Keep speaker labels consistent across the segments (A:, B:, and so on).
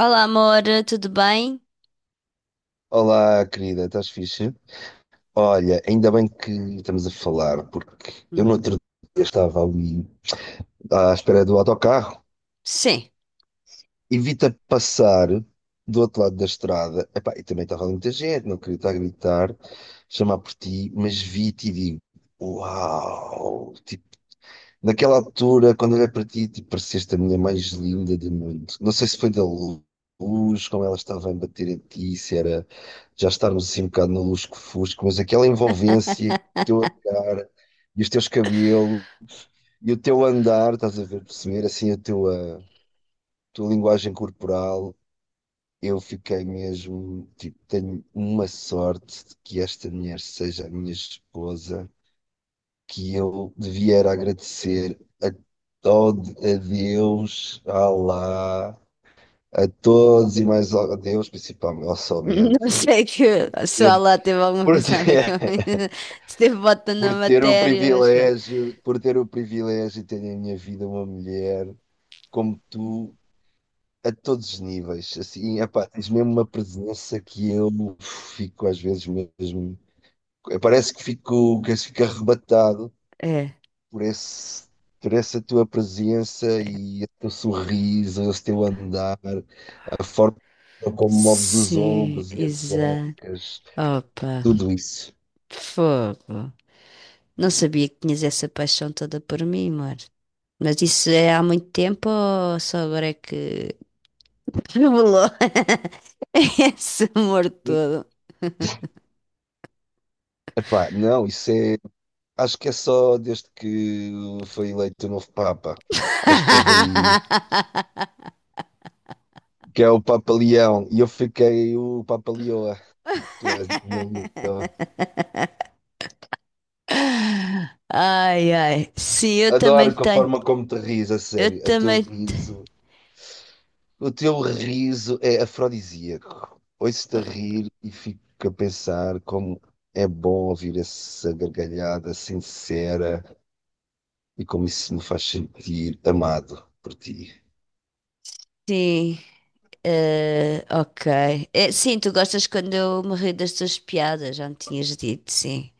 A: Olá, amor, tudo bem?
B: Olá, querida, estás fixe? Olha, ainda bem que estamos a falar, porque eu no
A: Hum,
B: outro dia estava ali à espera do autocarro,
A: Sim.
B: evita passar do outro lado da estrada. Epá, e também estava ali muita gente, não queria estar a gritar, chamar por ti, mas vi-te e digo: Uau! Tipo, naquela altura, quando olhei para ti, tu pareceste a mulher mais linda do mundo. Não sei se foi da luz, como ela estava a bater em ti, se era já estarmos assim um bocado no lusco-fusco, mas aquela envolvência, o teu olhar e os teus cabelos e o teu andar, estás a ver, perceber assim a tua linguagem corporal. Eu fiquei mesmo, tipo, tenho uma sorte de que esta mulher seja a minha esposa que eu devia era agradecer a todo, a Deus, a Allah, a todos e mais a Deus, principalmente, ao
A: Não
B: somente,
A: sei que se o
B: ter-
A: lá teve alguma
B: por
A: coisa a ver com
B: ter,
A: se teve bota na
B: por ter o
A: matéria, mas pronto.
B: privilégio, por ter o privilégio de ter na minha vida uma mulher como tu. A todos os níveis, assim, epá, tens mesmo uma presença que eu fico às vezes mesmo, parece que fico arrebatado
A: É.
B: por esse, por essa tua presença e o teu sorriso, o teu andar, a forma como moves os
A: Sim,
B: ombros e as
A: exato.
B: ancas,
A: Opa,
B: tudo isso.
A: fogo. Não sabia que tinhas essa paixão toda por mim, amor. Mas isso é há muito tempo ou só agora é que revelou esse amor todo?
B: Epá, não, isso é. Acho que é só desde que foi eleito o novo Papa. Acho que houve aí. Que é o Papa Leão. E eu fiquei o Papa Leoa. Tu és de Leoa.
A: Ai, ai. Sim, eu também
B: Adoro com a
A: tenho.
B: forma como te ris, a
A: Eu
B: sério. A teu
A: também.
B: riso O teu riso é afrodisíaco. Ouço-te a rir e fico a pensar como é bom ouvir essa gargalhada sincera e como isso me faz sentir amado por ti.
A: Sim. Ok. É, sim, tu gostas quando eu me rio das tuas piadas, já me tinhas dito, sim.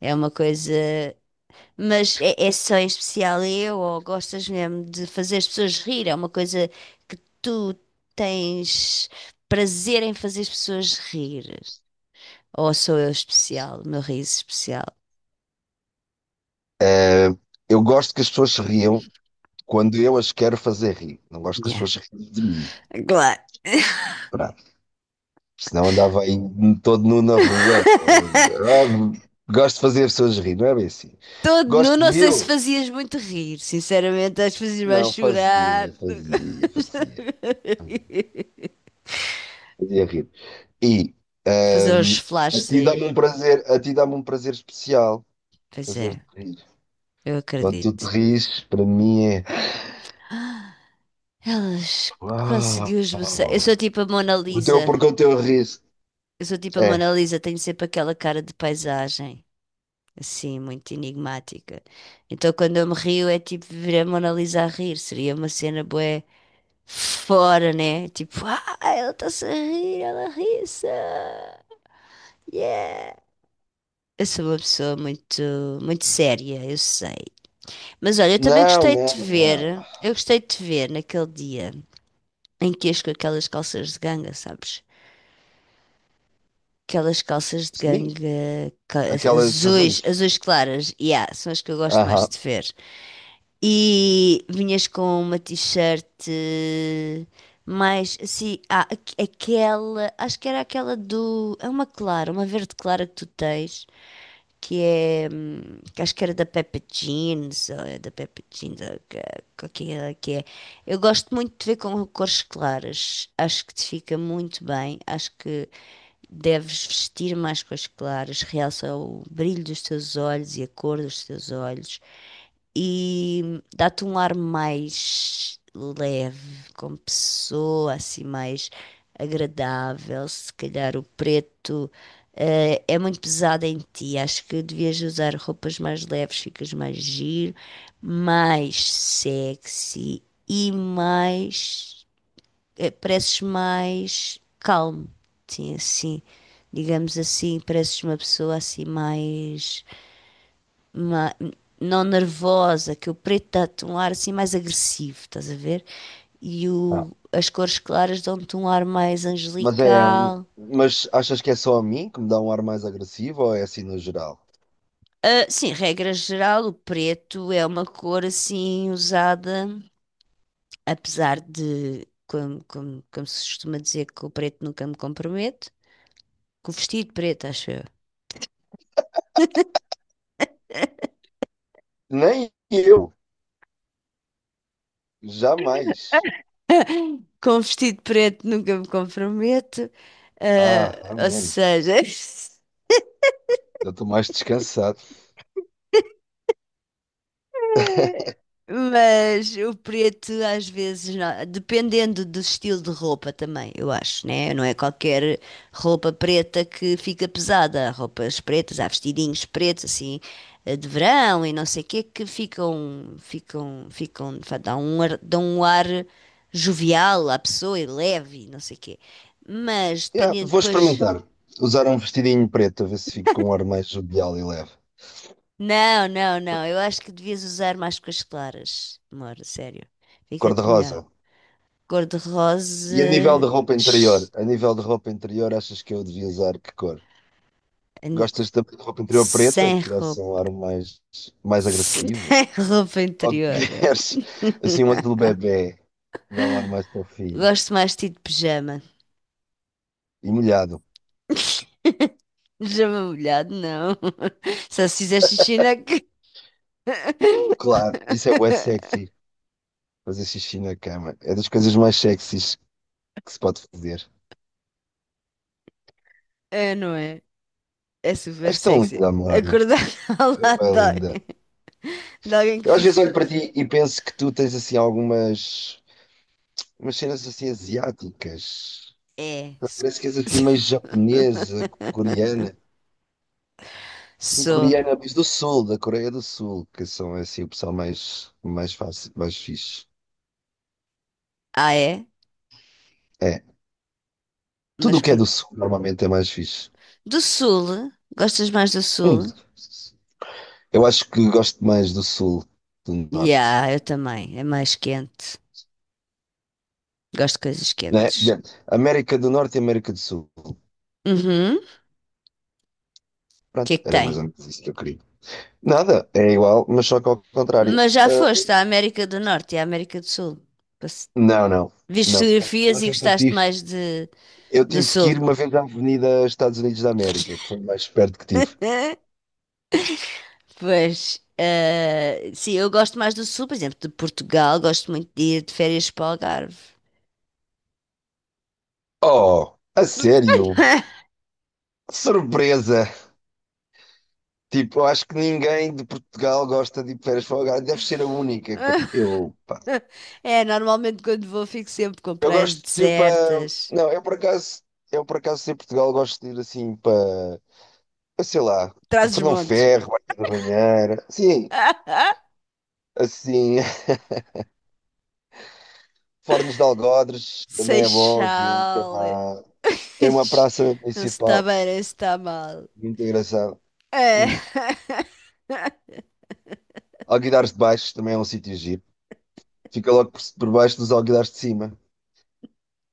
A: É uma coisa. Mas é só em especial eu, ou gostas mesmo de fazer as pessoas rir? É uma coisa que tu tens prazer em fazer as pessoas rir? Ou sou eu especial, o meu riso especial?
B: Eu gosto que as pessoas se riam quando eu as quero fazer rir. Não gosto que as
A: Yeah,
B: pessoas se riam de mim.
A: claro.
B: Pronto. Senão andava aí todo nu na rua. Ah, gosto de fazer as pessoas rir, não é bem assim.
A: Todo
B: Gosto
A: nu, não
B: de
A: sei se
B: eu.
A: fazias muito rir, sinceramente, acho que fazias-me
B: Não,
A: chorar.
B: fazia, fazia, fazia. Fazia rir. E
A: Fazer os
B: Ahm, A
A: flashes
B: ti
A: aí.
B: dá-me um prazer, a ti dá-me um prazer especial
A: Pois é,
B: fazer-te rir.
A: eu
B: Quando tu te
A: acredito.
B: rires, para mim é
A: Elas conseguiu esboçar. Eu
B: uau.
A: sou tipo a Mona Lisa.
B: Porque o teu riso
A: Eu sou tipo a
B: é.
A: Mona Lisa, tenho sempre aquela cara de paisagem, assim, muito enigmática. Então quando eu me rio é tipo ver a Mona Lisa a rir, seria uma cena bué fora, né? Tipo, ah, ela está-se a rir, ela ri-se. Yeah! Eu sou uma pessoa muito, muito séria, eu sei. Mas olha, eu também
B: Não,
A: gostei de te
B: não, não.
A: ver, eu gostei de te ver naquele dia em que ias com aquelas calças de ganga, sabes? Aquelas calças de
B: Sim,
A: ganga
B: aquelas
A: azuis,
B: azuis.
A: azuis claras, yeah, são as que eu gosto mais
B: Aham.
A: de ver. E vinhas com uma t-shirt mais assim, ah, aquela, acho que era aquela do, é uma clara, uma verde clara que tu tens. Que é. Que acho que era da Peppa Jeans, ou é da Peppa Jeans, ou qual que é. Eu gosto muito de ver com cores claras, acho que te fica muito bem, acho que deves vestir mais cores claras, realça o brilho dos teus olhos e a cor dos teus olhos, e dá-te um ar mais leve, como pessoa, assim, mais agradável, se calhar o preto. É muito pesada em ti. Acho que devias usar roupas mais leves, ficas mais giro, mais sexy e mais. Pareces mais calmo. Sim, assim. Digamos assim, pareces uma pessoa assim mais. ma- não nervosa, que o preto dá-te um ar assim mais agressivo, estás a ver? E
B: Ah.
A: as cores claras dão-te um ar mais
B: Mas é, hum,
A: angelical.
B: mas achas que é só a mim que me dá um ar mais agressivo ou é assim no geral?
A: Ah, sim, regra geral, o preto é uma cor assim usada, apesar de, como se costuma dizer, que o preto nunca me compromete, com o vestido preto, acho eu.
B: Nem eu, jamais.
A: Com o vestido preto nunca me comprometo,
B: Ah,
A: ah, ou
B: amém.
A: seja.
B: Eu estou mais descansado.
A: Mas o preto às vezes, não- dependendo do estilo de roupa também, eu acho, né? Não é qualquer roupa preta que fica pesada. Há roupas pretas, há vestidinhos pretos, assim, de verão e não sei o quê, que ficam, dão um dão um ar jovial à pessoa e leve, e não sei o quê. Mas
B: Yeah,
A: dependendo
B: vou
A: depois.
B: experimentar. Usar um vestidinho preto, a ver se fico com um ar mais jovial e leve.
A: Não, não, não. Eu acho que devias usar mais coisas claras, amor, sério.
B: Cor de
A: Fica-te melhor.
B: rosa.
A: Cor-de-rosa.
B: E a nível de roupa interior?
A: s-
B: A nível de roupa interior, achas que eu devia usar que cor?
A: an-
B: Gostas também de roupa interior preta,
A: Sem
B: que dá-se um
A: roupa.
B: ar mais, mais
A: Sem
B: agressivo?
A: roupa
B: Ou
A: interior.
B: queres assim um azul bebê, que dá um ar mais fofinho
A: Gosto mais de ti de pijama.
B: e molhado?
A: Pijama molhado, não. Só se fizer xixi na...
B: Claro, isso é bué sexy. Fazer xixi na cama. É das coisas mais sexys que se pode fazer.
A: É, não é? É super
B: És tão
A: sexy.
B: linda, amor.
A: Acordar ao
B: É
A: lado
B: bem linda.
A: de alguém que
B: Eu às vezes
A: fez...
B: olho para
A: isso.
B: ti e penso que tu tens assim algumas umas cenas assim asiáticas.
A: É.
B: Parece que és assim
A: Se-
B: meio japonesa, coreana. Assim,
A: Sou.
B: coreana, mas do sul, da Coreia do Sul, que são assim o pessoal mais fácil, mais fixe.
A: Ah, é?
B: É. Tudo
A: Mas
B: o que é do
A: conhe-
B: sul normalmente é mais fixe.
A: Do Sul? Gostas mais do
B: Hum.
A: Sul?
B: Eu acho que gosto mais do sul, do norte.
A: Yeah, eu também. É mais quente. Gosto de coisas
B: Né?
A: quentes.
B: América do Norte e América do Sul.
A: Uhum. O que
B: Pronto,
A: é que
B: era mais
A: tem?
B: ou menos isso que eu queria. Nada, é igual, mas só que ao contrário.
A: Mas já
B: Ah,
A: foste à América do Norte e à América do Sul. Passe-
B: não, não,
A: Viste
B: não. O
A: fotografias e
B: máximo que eu
A: gostaste
B: tive,
A: mais de,
B: eu
A: do
B: tive que
A: Sul.
B: ir uma vez à Avenida Estados Unidos da América, que foi o mais perto que tive.
A: Pois, sim, eu gosto mais do Sul, por exemplo, de Portugal, gosto muito de ir de férias para o Algarve.
B: Oh, a sério? Que surpresa! Tipo, eu acho que ninguém de Portugal gosta de ir de férias para o Algarve. Deve ser a única. Eu, pá.
A: É, normalmente quando vou fico sempre com
B: Eu
A: praias
B: gosto, tipo, a.
A: desertas.
B: Não, eu por acaso em Portugal gosto de ir assim para, eu sei lá, Fernão
A: Trás-os-Montes.
B: Ferro, Barca da Banheira. Sim, assim, Fornos de Algodres, também é bom aquilo.
A: Seixal.
B: Tem uma praça
A: Não se está
B: municipal
A: bem, nem se está mal.
B: muito engraçada.
A: É.
B: Hum. Alguidares de baixo também é um sítio giro. Fica logo por baixo dos alguidares de cima.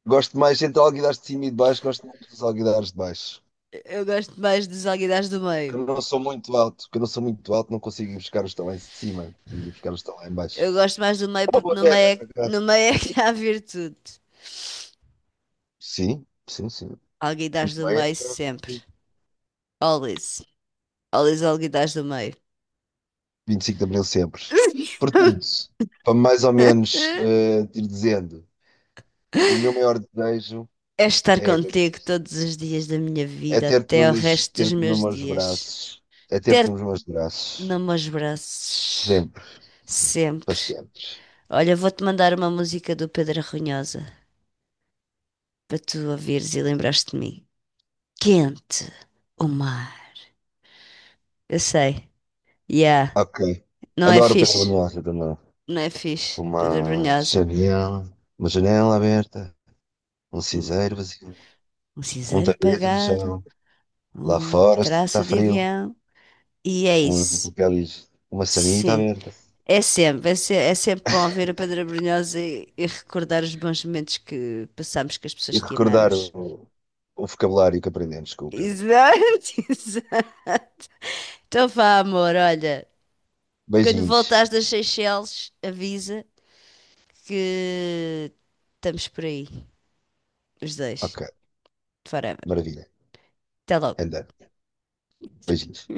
B: Gosto mais entre alguidares de cima e de baixo, gosto muito dos alguidares de baixo.
A: Eu gosto mais dos alguidares do
B: Que
A: meio.
B: eu não sou muito alto, que eu não sou muito alto, não consigo ir buscar os que estão lá em cima, consigo ir buscar os que estão lá em baixo.
A: Eu gosto mais do
B: É
A: meio
B: uma
A: porque
B: boa terra, por acaso.
A: no meio é que há virtude.
B: Sim, sim, sim.
A: Alguidares
B: Muito
A: do
B: bem, é
A: meio sempre. Always. Always alguidares do meio.
B: 25 de Abril sempre. Portanto, para mais ou menos ir dizendo, o meu maior desejo
A: É estar
B: é
A: contigo todos os dias da minha
B: É
A: vida,
B: ter-te
A: até
B: nos
A: o
B: meus,
A: resto dos
B: ter-te nos
A: meus
B: meus
A: dias.
B: braços. É ter-te
A: Ter-te
B: nos meus braços.
A: nos meus braços.
B: Sempre, para
A: Sempre.
B: sempre.
A: Olha, vou-te mandar uma música do Pedro Arronhosa para tu ouvires e lembrar-te de mim. Quente, o mar. Eu sei. Yeah.
B: Ok.
A: Não é
B: Adoro Pedro
A: fixe.
B: Brunhosa também.
A: Não é fixe. Pedra
B: Uma
A: Brunhosa.
B: janela, uma janela aberta, um
A: Um,
B: cinzeiro vazio,
A: um
B: um
A: cinzeiro
B: tapete no
A: apagado,
B: chão. Lá
A: um
B: fora está
A: traço de
B: frio,
A: avião. E é
B: um
A: isso.
B: papel higiênico, uma sanita
A: Sim.
B: aberta.
A: É sempre, é sempre bom ver a Pedra Brunhosa e recordar os bons momentos que passámos com as
B: E
A: pessoas que
B: recordar o,
A: amamos.
B: o vocabulário que aprendemos com o Pedro.
A: Exato, exato. Então vá, amor, olha. Quando
B: Beijinhos.
A: voltares das Seychelles, avisa que estamos por aí, os dois,
B: Ok,
A: forever.
B: maravilha.
A: Até logo.
B: Andando. Beijinhos.